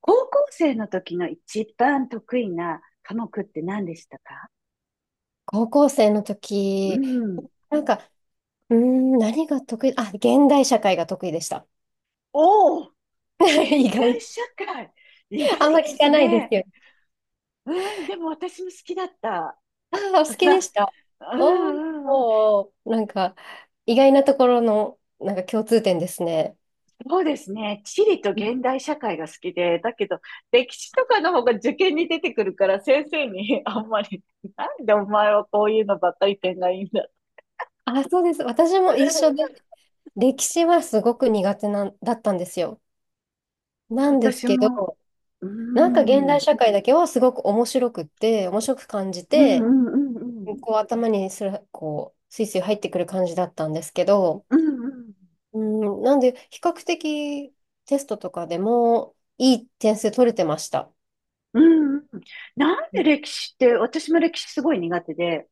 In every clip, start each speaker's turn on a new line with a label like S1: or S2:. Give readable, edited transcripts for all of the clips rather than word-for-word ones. S1: 高校生の時の一番得意な科目って何でしたか？
S2: 高校生の
S1: う
S2: 時、
S1: ん。
S2: なんか、何が得意、あ、現代社会が得意でした。
S1: おお、現
S2: 意
S1: 代
S2: 外、
S1: 社会。意外
S2: あ
S1: で
S2: んま聞
S1: す
S2: かないです
S1: ね。
S2: よ。
S1: うん、でも私も好きだった。
S2: ああ、お好きで した。
S1: うん
S2: お
S1: うんうん。
S2: お、なんか、意外なところの、なんか共通点ですね。
S1: そうですね。地理と現代社会が好きで、だけど、歴史とかの方が受験に出てくるから、先生に あんまり、なんでお前はこういうのばっかり点がいいんだ。
S2: あ、そうです。私も一緒で、歴史はすごく苦手なんだったんですよ。なんです
S1: 私
S2: け
S1: も、
S2: ど、
S1: う
S2: なんか
S1: ん、
S2: 現
S1: う
S2: 代
S1: ん
S2: 社会だけはすごく面白くって、面白く感じ
S1: うん
S2: て、
S1: うんうん。
S2: こう頭にすら、こう、スイスイ入ってくる感じだったんですけど、
S1: うんうん
S2: うん、なんで、比較的テストとかでもいい点数取れてました。
S1: うん。なん
S2: う
S1: で
S2: ん、
S1: 歴史って、私も歴史すごい苦手で、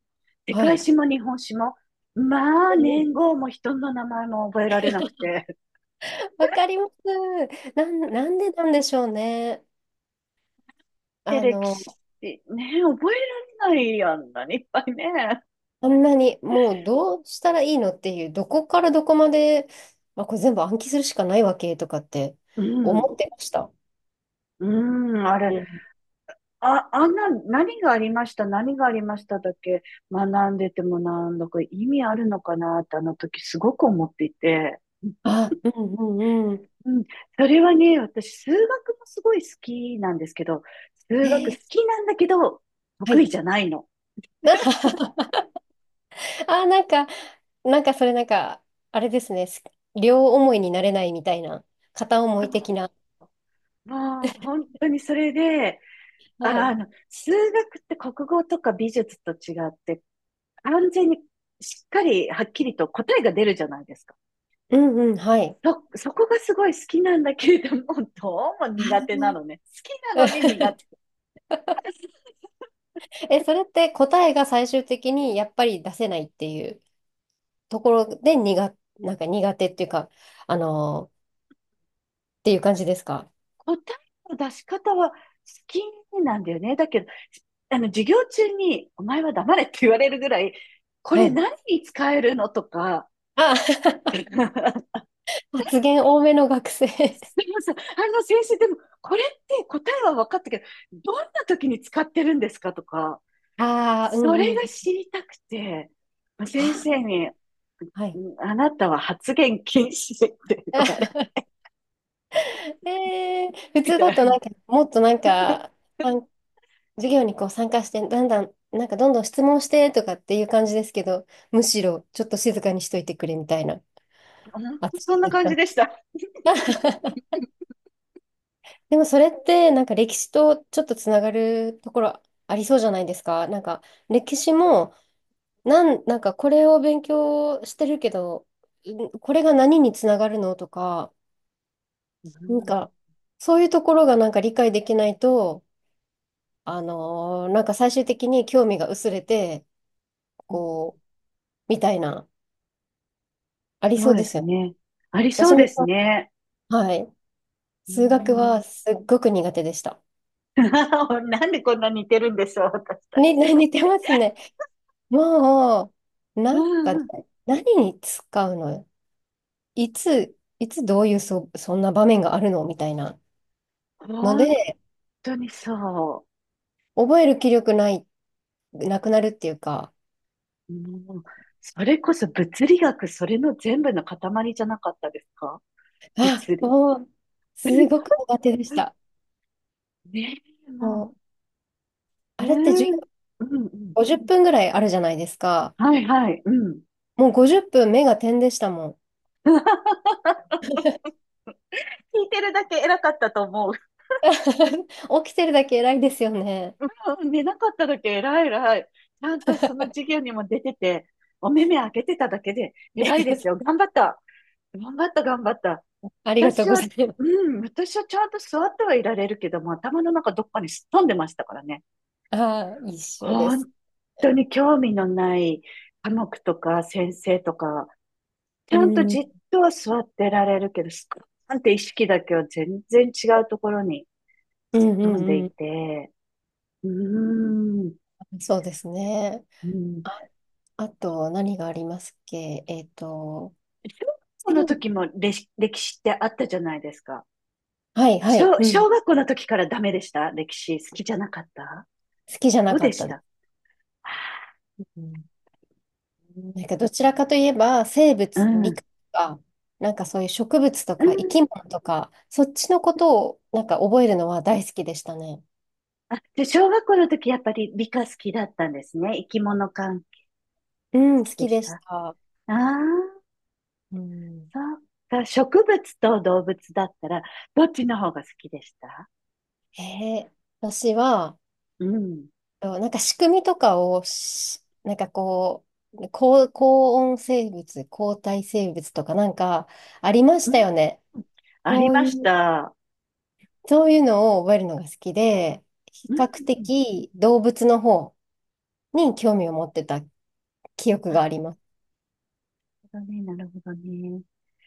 S1: 世
S2: は
S1: 界
S2: い。
S1: 史も日本史も、まあ、年 号も人の名前も覚えられなくて。
S2: わかります。なんでなんでしょうね。
S1: で、
S2: あ
S1: 歴
S2: の、
S1: 史、ね、覚えられないやんな、何いっぱいね。
S2: あんなにもうどうしたらいいのっていう、どこからどこまで、まあ、これ全部暗記するしかないわけとかって
S1: う
S2: 思
S1: ん。
S2: ってました。
S1: うん、あれ、
S2: うん、
S1: あ、あんな、何がありました、何がありましただけ学んでてもなんだか意味あるのかなってあの時すごく思っていて。
S2: あ、うんうんうん。
S1: うん、それはね、私、数学もすごい好きなんですけど、数
S2: え
S1: 学好
S2: ー、
S1: きなんだけど、
S2: は
S1: 得
S2: い。
S1: 意じゃないの。
S2: あー、なんか、なんかそれなんか、あれですね。両思いになれないみたいな、片思い的な。
S1: そうもう、本当にそれで、
S2: はい。
S1: 数学って国語とか美術と違って、完全にしっかり、はっきりと答えが出るじゃないですか。
S2: うんうん、はい。
S1: そこがすごい好きなんだけれども、どうも苦手なのね。好 きなのに
S2: あ、
S1: 苦手。
S2: え、それって答えが最終的にやっぱり出せないっていうところでなんか苦手っていうか、あのー、っていう感じですか？
S1: 答えの出し方は好きなんだよね。だけど、授業中に、お前は黙れって言われるぐらい、こ
S2: は
S1: れ
S2: い。
S1: 何に使えるのとか、
S2: あ、発言多めの学生。
S1: すみません。あの先生、でも、これって答えは分かったけど、どんな時に使ってるんですかとか、
S2: ああ、う
S1: そ
S2: んう
S1: れ
S2: ん。
S1: が知りたくて、先
S2: あ、
S1: 生に、
S2: はい。
S1: あなたは発言禁止って言わ れ、
S2: えー、普
S1: み
S2: 通
S1: た
S2: だと
S1: いな。
S2: なんか、もっとなんか、授業にこう参加して、だんだん、なんかどんどん質問してとかっていう感じですけど、むしろちょっと静かにしといてくれみたいな
S1: 本
S2: 扱
S1: 当そん
S2: い
S1: な感
S2: だっ
S1: じで
S2: た。
S1: した。
S2: でもそれってなんか歴史とちょっとつながるところありそうじゃないですか。なんか歴史もなんかこれを勉強してるけど、んこれが何につながるのとか、
S1: う
S2: なん
S1: ん、
S2: かそういうところがなんか理解できないと、あのーなんか最終的に興味が薄れて、こう、みたいな、あり
S1: そ
S2: そ
S1: う
S2: う
S1: で
S2: です
S1: す
S2: よね。
S1: ね。ありそ
S2: 私
S1: うで
S2: も、
S1: すね。
S2: はい。
S1: うー
S2: 数学
S1: ん
S2: はすっごく苦手でした。
S1: なんでこんな似てるんでしょう、私た
S2: ね、
S1: ち。
S2: 似てますね。もう、
S1: う
S2: なんか
S1: ん
S2: ね、
S1: うん。
S2: 何に使うの、いつどういうそんな場面があるのみたいなの
S1: 本
S2: で、
S1: 当にそ
S2: 覚える気力ない、なくなるっていうか、
S1: う。もう、それこそ物理学、それの全部の塊じゃなかったですか？
S2: あ、
S1: 物理。
S2: もう、すごく 苦手でした。
S1: ねえ、も
S2: もう、
S1: う、
S2: あ
S1: う
S2: れって授業
S1: ん。うんうん。
S2: 50分ぐらいあるじゃないですか。
S1: はいはい。うん。
S2: もう50分目が点でしたもん。
S1: 聞いてるだけ偉かったと思う。
S2: 起きてるだけ偉いですよね。
S1: うん、寝なかっただけ偉い偉い。ちゃんとその授業にも出てて、お目目開けてただけで偉いで すよ。頑張った。頑張った頑張った。
S2: ありがとう
S1: 私
S2: ご
S1: は、
S2: ざいます。
S1: うん、私はちゃんと座ってはいられるけども、頭の中どっかにすっ飛んでましたからね。
S2: ああ、一緒で
S1: 本
S2: す。
S1: 当に興味のない科目とか先生とか、ち
S2: う
S1: ゃんと
S2: ん、う
S1: じっ
S2: ん
S1: とは座ってられるけど、すっーんって意識だけは全然違うところに
S2: う
S1: すっ
S2: ん
S1: 飛んで
S2: う
S1: い
S2: ん。
S1: て、うーん、
S2: そうですね。
S1: うん。
S2: あ、あと、何がありますっけ、
S1: 小学校
S2: 西
S1: の
S2: 部、
S1: 時も歴史歴史ってあったじゃないですか。
S2: はいは
S1: 小、
S2: い。うん。
S1: 小学校の時からダメでした。歴史好きじゃなかった。
S2: 好きじゃ
S1: ど
S2: な
S1: う
S2: か
S1: で
S2: っ
S1: し
S2: たです。
S1: た？
S2: うん、なんか、どちらかといえば、生
S1: う
S2: 物、理
S1: ん。
S2: 科とか、なんかそういう植物と
S1: う
S2: か生
S1: ん。
S2: き物とか、そっちのことをなんか覚えるのは大好きでしたね。
S1: あ、じゃあ小学校の時やっぱり理科好きだったんですね。生き物関係
S2: うん、好
S1: 好きで
S2: き
S1: し
S2: で
S1: た。
S2: し
S1: あ
S2: た。
S1: あ、
S2: うん、
S1: そっか。植物と動物だったら、どっちの方が好きでした？
S2: えー、私は、
S1: うん。
S2: と、なんか仕組みとかをなんかこう、高温生物、高体生物とかなんかありまし
S1: う
S2: た
S1: ん。
S2: よね。
S1: あり
S2: そう
S1: ま
S2: い
S1: し
S2: う、
S1: た。
S2: そういうのを覚えるのが好きで、比
S1: う
S2: 較
S1: ん。
S2: 的動物の方に興味を持ってた記憶があります。
S1: なるほどね、なるほどね。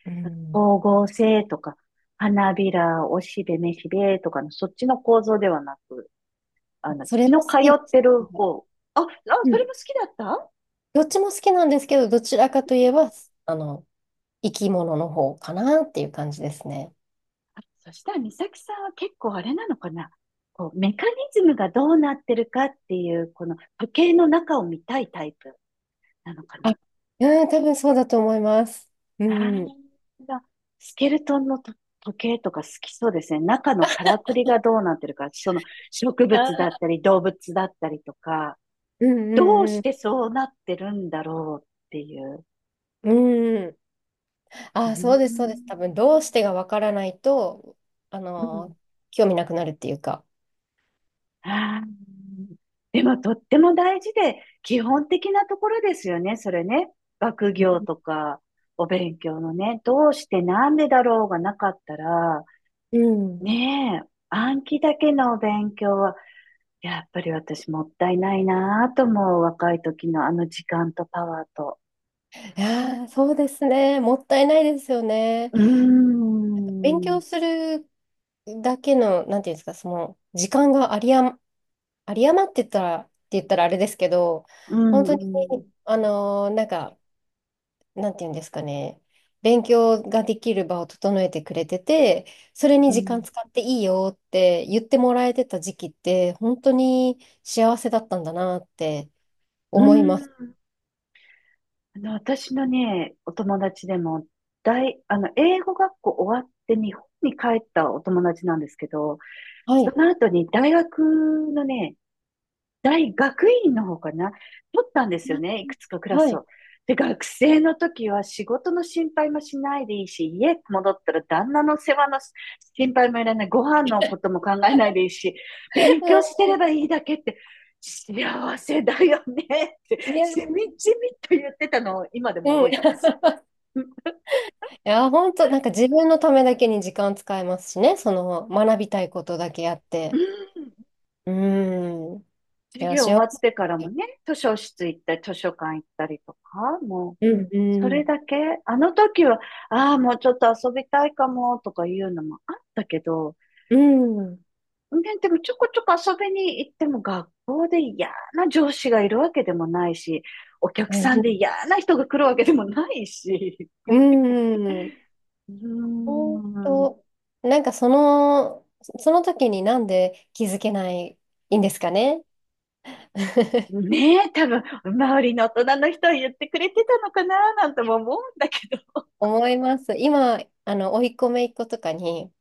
S2: う
S1: 光
S2: ん。
S1: 合成とか、花びら、おしべ、めしべとかの、そっちの構造ではなく、
S2: それ
S1: 血
S2: も
S1: の
S2: 好
S1: 通
S2: きで
S1: っ
S2: す。
S1: てる方。あ、あ、
S2: う
S1: それ
S2: ん。
S1: も好きだった。
S2: どっちも好きなんですけど、どちらかといえば、あの、生き物の方かなっていう感じですね。
S1: あ、そしたら、美咲さんは結構あれなのかな？こう、メカニズムがどうなってるかっていう、この時計の中を見たいタイプなのか
S2: あ、
S1: な？
S2: うん、多分そうだと思います。う
S1: ああ、
S2: ん。
S1: スケルトンのと時計とか好きそうですね。中のからくりがどうなってるか、その植
S2: は
S1: 物だ
S2: い、
S1: ったり動物だったりとか、
S2: うん
S1: どう
S2: うん
S1: し
S2: う
S1: てそうなってるんだろうっていう。
S2: ん。うん。あ
S1: う
S2: あ、
S1: ー
S2: そうです、そうです。多
S1: ん。
S2: 分、どうしてがわからないと、あ
S1: うん。
S2: の、興味なくなるっていうか。
S1: あー、でもとっても大事で、基本的なところですよね、それね。学業とか、お勉強のね、どうしてなんでだろうがなかったら、
S2: うん。
S1: ねえ、暗記だけのお勉強は、やっぱり私もったいないなぁと思う、若い時のあの時間とパワーと。
S2: いやー、そうですね。もったいないですよね。
S1: うー
S2: 勉
S1: ん、
S2: 強するだけの、なんていうんですか、その、時間がありあま、あり余ってたら、って言ったらあれですけど、
S1: う
S2: 本
S1: ん、う
S2: 当に、
S1: ん、
S2: あのーなんか、なんていうんですかね、勉強ができる場を整えてくれてて、それに
S1: う
S2: 時間
S1: ん、
S2: 使っていいよって言ってもらえてた時期って、本当に幸せだったんだなって
S1: う
S2: 思いま
S1: ん。
S2: す。
S1: 私のね、お友達でも、大、あの、英語学校終わって日本に帰ったお友達なんですけど、
S2: は
S1: そ
S2: い。
S1: の後に大学のね、大学院の方かな、取ったんですよね、いくつかクラ
S2: は
S1: ス
S2: い。
S1: を。で、学生の時は仕事の心配もしないでいいし、家戻ったら旦那の世話の心配もいらない、ご飯のことも考えないでいいし、勉強して
S2: う
S1: ればいいだけって、幸せだよねって、
S2: ん、いや、
S1: しみじみと言ってたのを今で
S2: う
S1: も
S2: ん。
S1: 覚えて
S2: い
S1: ます。うん
S2: や、本当、なんか自分のためだけに時間使えますしね、その学びたいことだけやっ
S1: う
S2: て。
S1: ん。
S2: うん。い
S1: 授
S2: や、
S1: 業
S2: 幸
S1: 終わってからも
S2: せ。
S1: ね、図書室行ったり、図書館行ったりとか、も
S2: う
S1: う、
S2: ん、
S1: そ
S2: う
S1: れ
S2: ん、
S1: だけ、あの時は、ああ、もうちょっと遊びたいかも、とかいうのもあったけど、
S2: うん、
S1: ね、でもちょこちょこ遊びに行っても学校で嫌な上司がいるわけでもないし、お客
S2: う
S1: さんで
S2: ん、
S1: 嫌な人が来るわけでもないし、
S2: うん。
S1: うー
S2: ほん
S1: ん、
S2: と、なんかその、その時になんで気づけないんですかね。
S1: ねえ、多分、周りの大人の人は言ってくれてたのかな、なんとも思うんだけど。
S2: 思います。今、あの、甥っ子姪っ子とかに、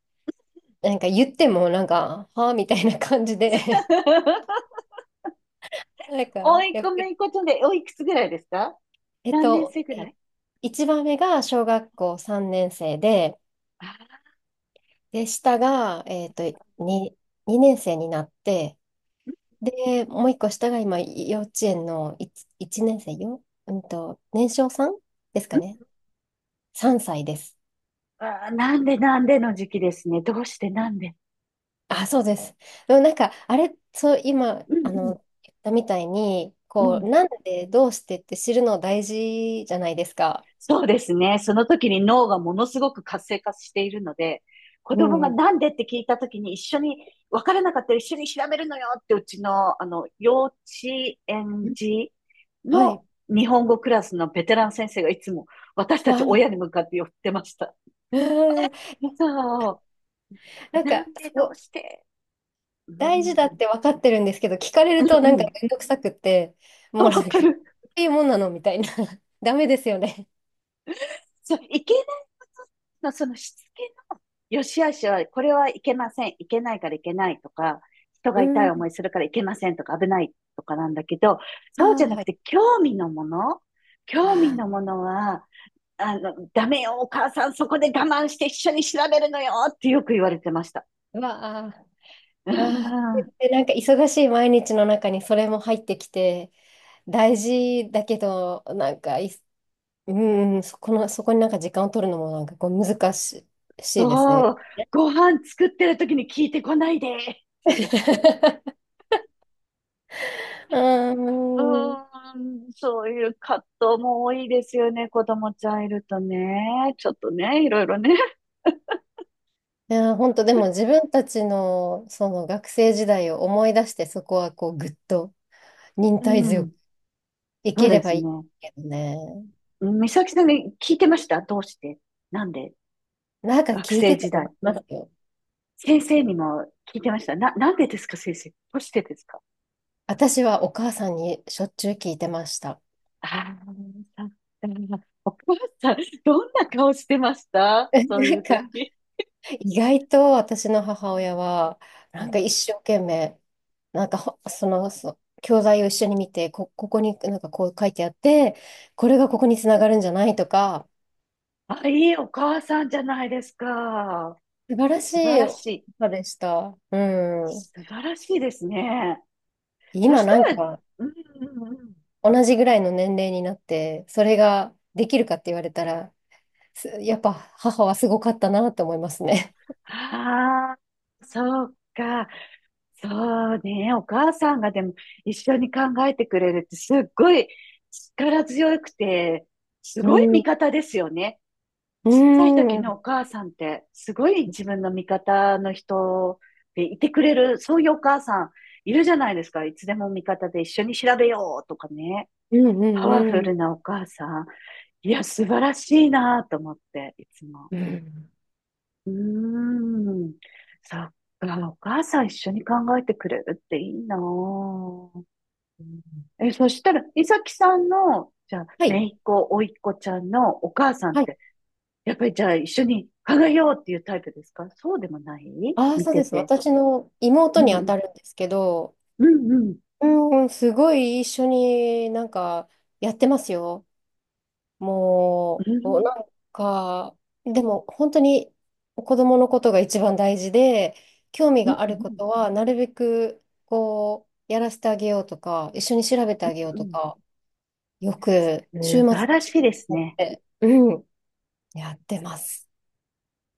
S2: なんか言っても、なんか、はあみたいな感じで。 なんか、
S1: おいっ
S2: やっ
S1: 子、
S2: ぱ
S1: め
S2: り、
S1: いっ子ちゃんで、おいくつぐらいですか？
S2: えっ
S1: 何年
S2: と、
S1: 生ぐ
S2: え、
S1: らい？
S2: 一番目が小学校3年生で、
S1: あ、
S2: で、下が、えっと、2、2年生になって、で、もう一個下が今、幼稚園の1、一年生よ、うんと、年少さんです
S1: う
S2: か
S1: ん。
S2: ね。3歳です。
S1: あー、なんでなんでの時期ですね。どうしてなんで。
S2: あ、そうです。でもなんか、あれ、そう、今、
S1: うんう
S2: あ
S1: ん、
S2: の、言ったみたいに、
S1: う
S2: こ
S1: ん。
S2: う、なんで、どうしてって知るの大事じゃないですか。
S1: そうですね。その時に脳がものすごく活性化しているので、子
S2: う
S1: 供が
S2: んう
S1: なんでって聞いた時に一緒に、分からなかったら一緒に調べるのよってうちの、幼稚園
S2: ん。
S1: 児
S2: は
S1: の
S2: い。
S1: 日本語クラスのベテラン先生がいつも私たち
S2: わあ、
S1: 親に 向かって寄ってました。
S2: うん。
S1: そう。
S2: なん
S1: な
S2: か、
S1: んで
S2: そ
S1: どう
S2: う、
S1: して。う
S2: 大事だっ
S1: ん
S2: て分かってるんですけど、聞かれ
S1: う
S2: るとな
S1: ん
S2: ん
S1: う
S2: か
S1: ん。
S2: めんどくさくって、
S1: あ、
S2: もう
S1: わ
S2: なん
S1: か
S2: か、こ
S1: る。
S2: ういうもんなのみたいな。ダメですよね。
S1: そう、いけないことの、そのしつけの、よし悪しは、これはいけません。いけないからいけないとか、人が
S2: う
S1: 痛い
S2: ん。
S1: 思いするからいけませんとか、危ないとかなんだけど、
S2: あ
S1: そうじ
S2: あ、
S1: ゃな
S2: は
S1: く
S2: い。
S1: て、興味
S2: あ
S1: のも
S2: あ、
S1: のは、ダメよ、お母さん、そこで我慢して一緒に調べるのよってよく言われてました。
S2: うわあ。
S1: う
S2: わあ、
S1: ん。
S2: でなんか忙しい毎日の中にそれも入ってきて、大事だけど、なんかい、うんうん、そこの、そこになんか時間を取るのもなんかこう難しい、しいですね。
S1: そう、ご飯作ってる時に聞いてこないでっていう。う
S2: うん。い
S1: ーん、そういう葛藤も多いですよね。子供ちゃんいるとね。ちょっとね、いろいろね。
S2: や、本当でも自分たちのその学生時代を思い出して、そこはこうぐっと忍
S1: う
S2: 耐強く
S1: ん、
S2: い
S1: そう
S2: けれ
S1: で
S2: ば
S1: す
S2: い
S1: ね。
S2: いけどね。
S1: うん、美咲さんに聞いてました？どうしてなんで、
S2: なんか
S1: 学
S2: 聞い
S1: 生
S2: てた
S1: 時
S2: と思
S1: 代。
S2: いますよ。
S1: 先生にも聞いてましたな、なんでですか先生。どうしてですか？
S2: 私はお母さんにしょっちゅう聞いてました。
S1: ああー、お母さん、どんな顔してました、
S2: な
S1: そうい
S2: ん
S1: う
S2: か
S1: 時？
S2: 意外と私の
S1: う
S2: 母
S1: ん、
S2: 親は、
S1: う
S2: なんか
S1: ん。
S2: 一生懸命、なんかほその、そ教材を一緒に見て、ここになんかこう書いてあって、これがここにつながるんじゃないとか、
S1: あ、いいお母さんじゃないですか。
S2: 素晴らし
S1: 素晴
S2: い
S1: らしい。
S2: 母でした。うん。
S1: 素晴らしいですね。そ
S2: 今
S1: した
S2: なん
S1: ら、
S2: か
S1: うんうんうん。
S2: 同じぐらいの年齢になって、それができるかって言われたら、すやっぱ母はすごかったなと思いますね。
S1: ああ、そうか。そうね。お母さんがでも一緒に考えてくれるってすっごい力強くて、す
S2: う
S1: ごい味
S2: ん。
S1: 方ですよね。
S2: う
S1: ちっちゃい
S2: ん。
S1: 時
S2: う
S1: の
S2: ん
S1: お母さんってすごい自分の味方の人でいてくれる、そういうお母さんいるじゃないですか。いつでも味方で一緒に調べようとかね。
S2: うん
S1: パワ
S2: う
S1: フ
S2: ん。
S1: ルなお母さん。いや、素晴らしいなと思って、いつも。
S2: うん。
S1: うーん。そっか、お母さん一緒に考えてくれるっていいなぁ。え、そしたら、いさきさんの、じゃあ、
S2: はい。
S1: 姪っ子、甥っ子ちゃんのお母さんっ
S2: はい、
S1: て、やっぱりじゃあ一緒に考えようっていうタイプですか、そうでもない、
S2: ああ、
S1: 見
S2: そう
S1: て
S2: です。
S1: て？
S2: 私の
S1: う
S2: 妹に
S1: んう
S2: 当
S1: ん。
S2: たるんですけど、
S1: うんうん。
S2: うん、すごい一緒になんかやってますよ。
S1: う
S2: もう、お
S1: ん
S2: なんか、でも本当に子供のことが一番大事で、興味
S1: うん。うん
S2: があ
S1: う
S2: るこ
S1: ん。
S2: とはなるべくこう、やらせてあげようとか、一緒に調べてあげよう
S1: うんう
S2: と
S1: ん、
S2: か、よく週末
S1: 素
S2: の
S1: 晴ら
S2: 時
S1: しいです
S2: 間になっ
S1: ね。
S2: て、うん、やってます。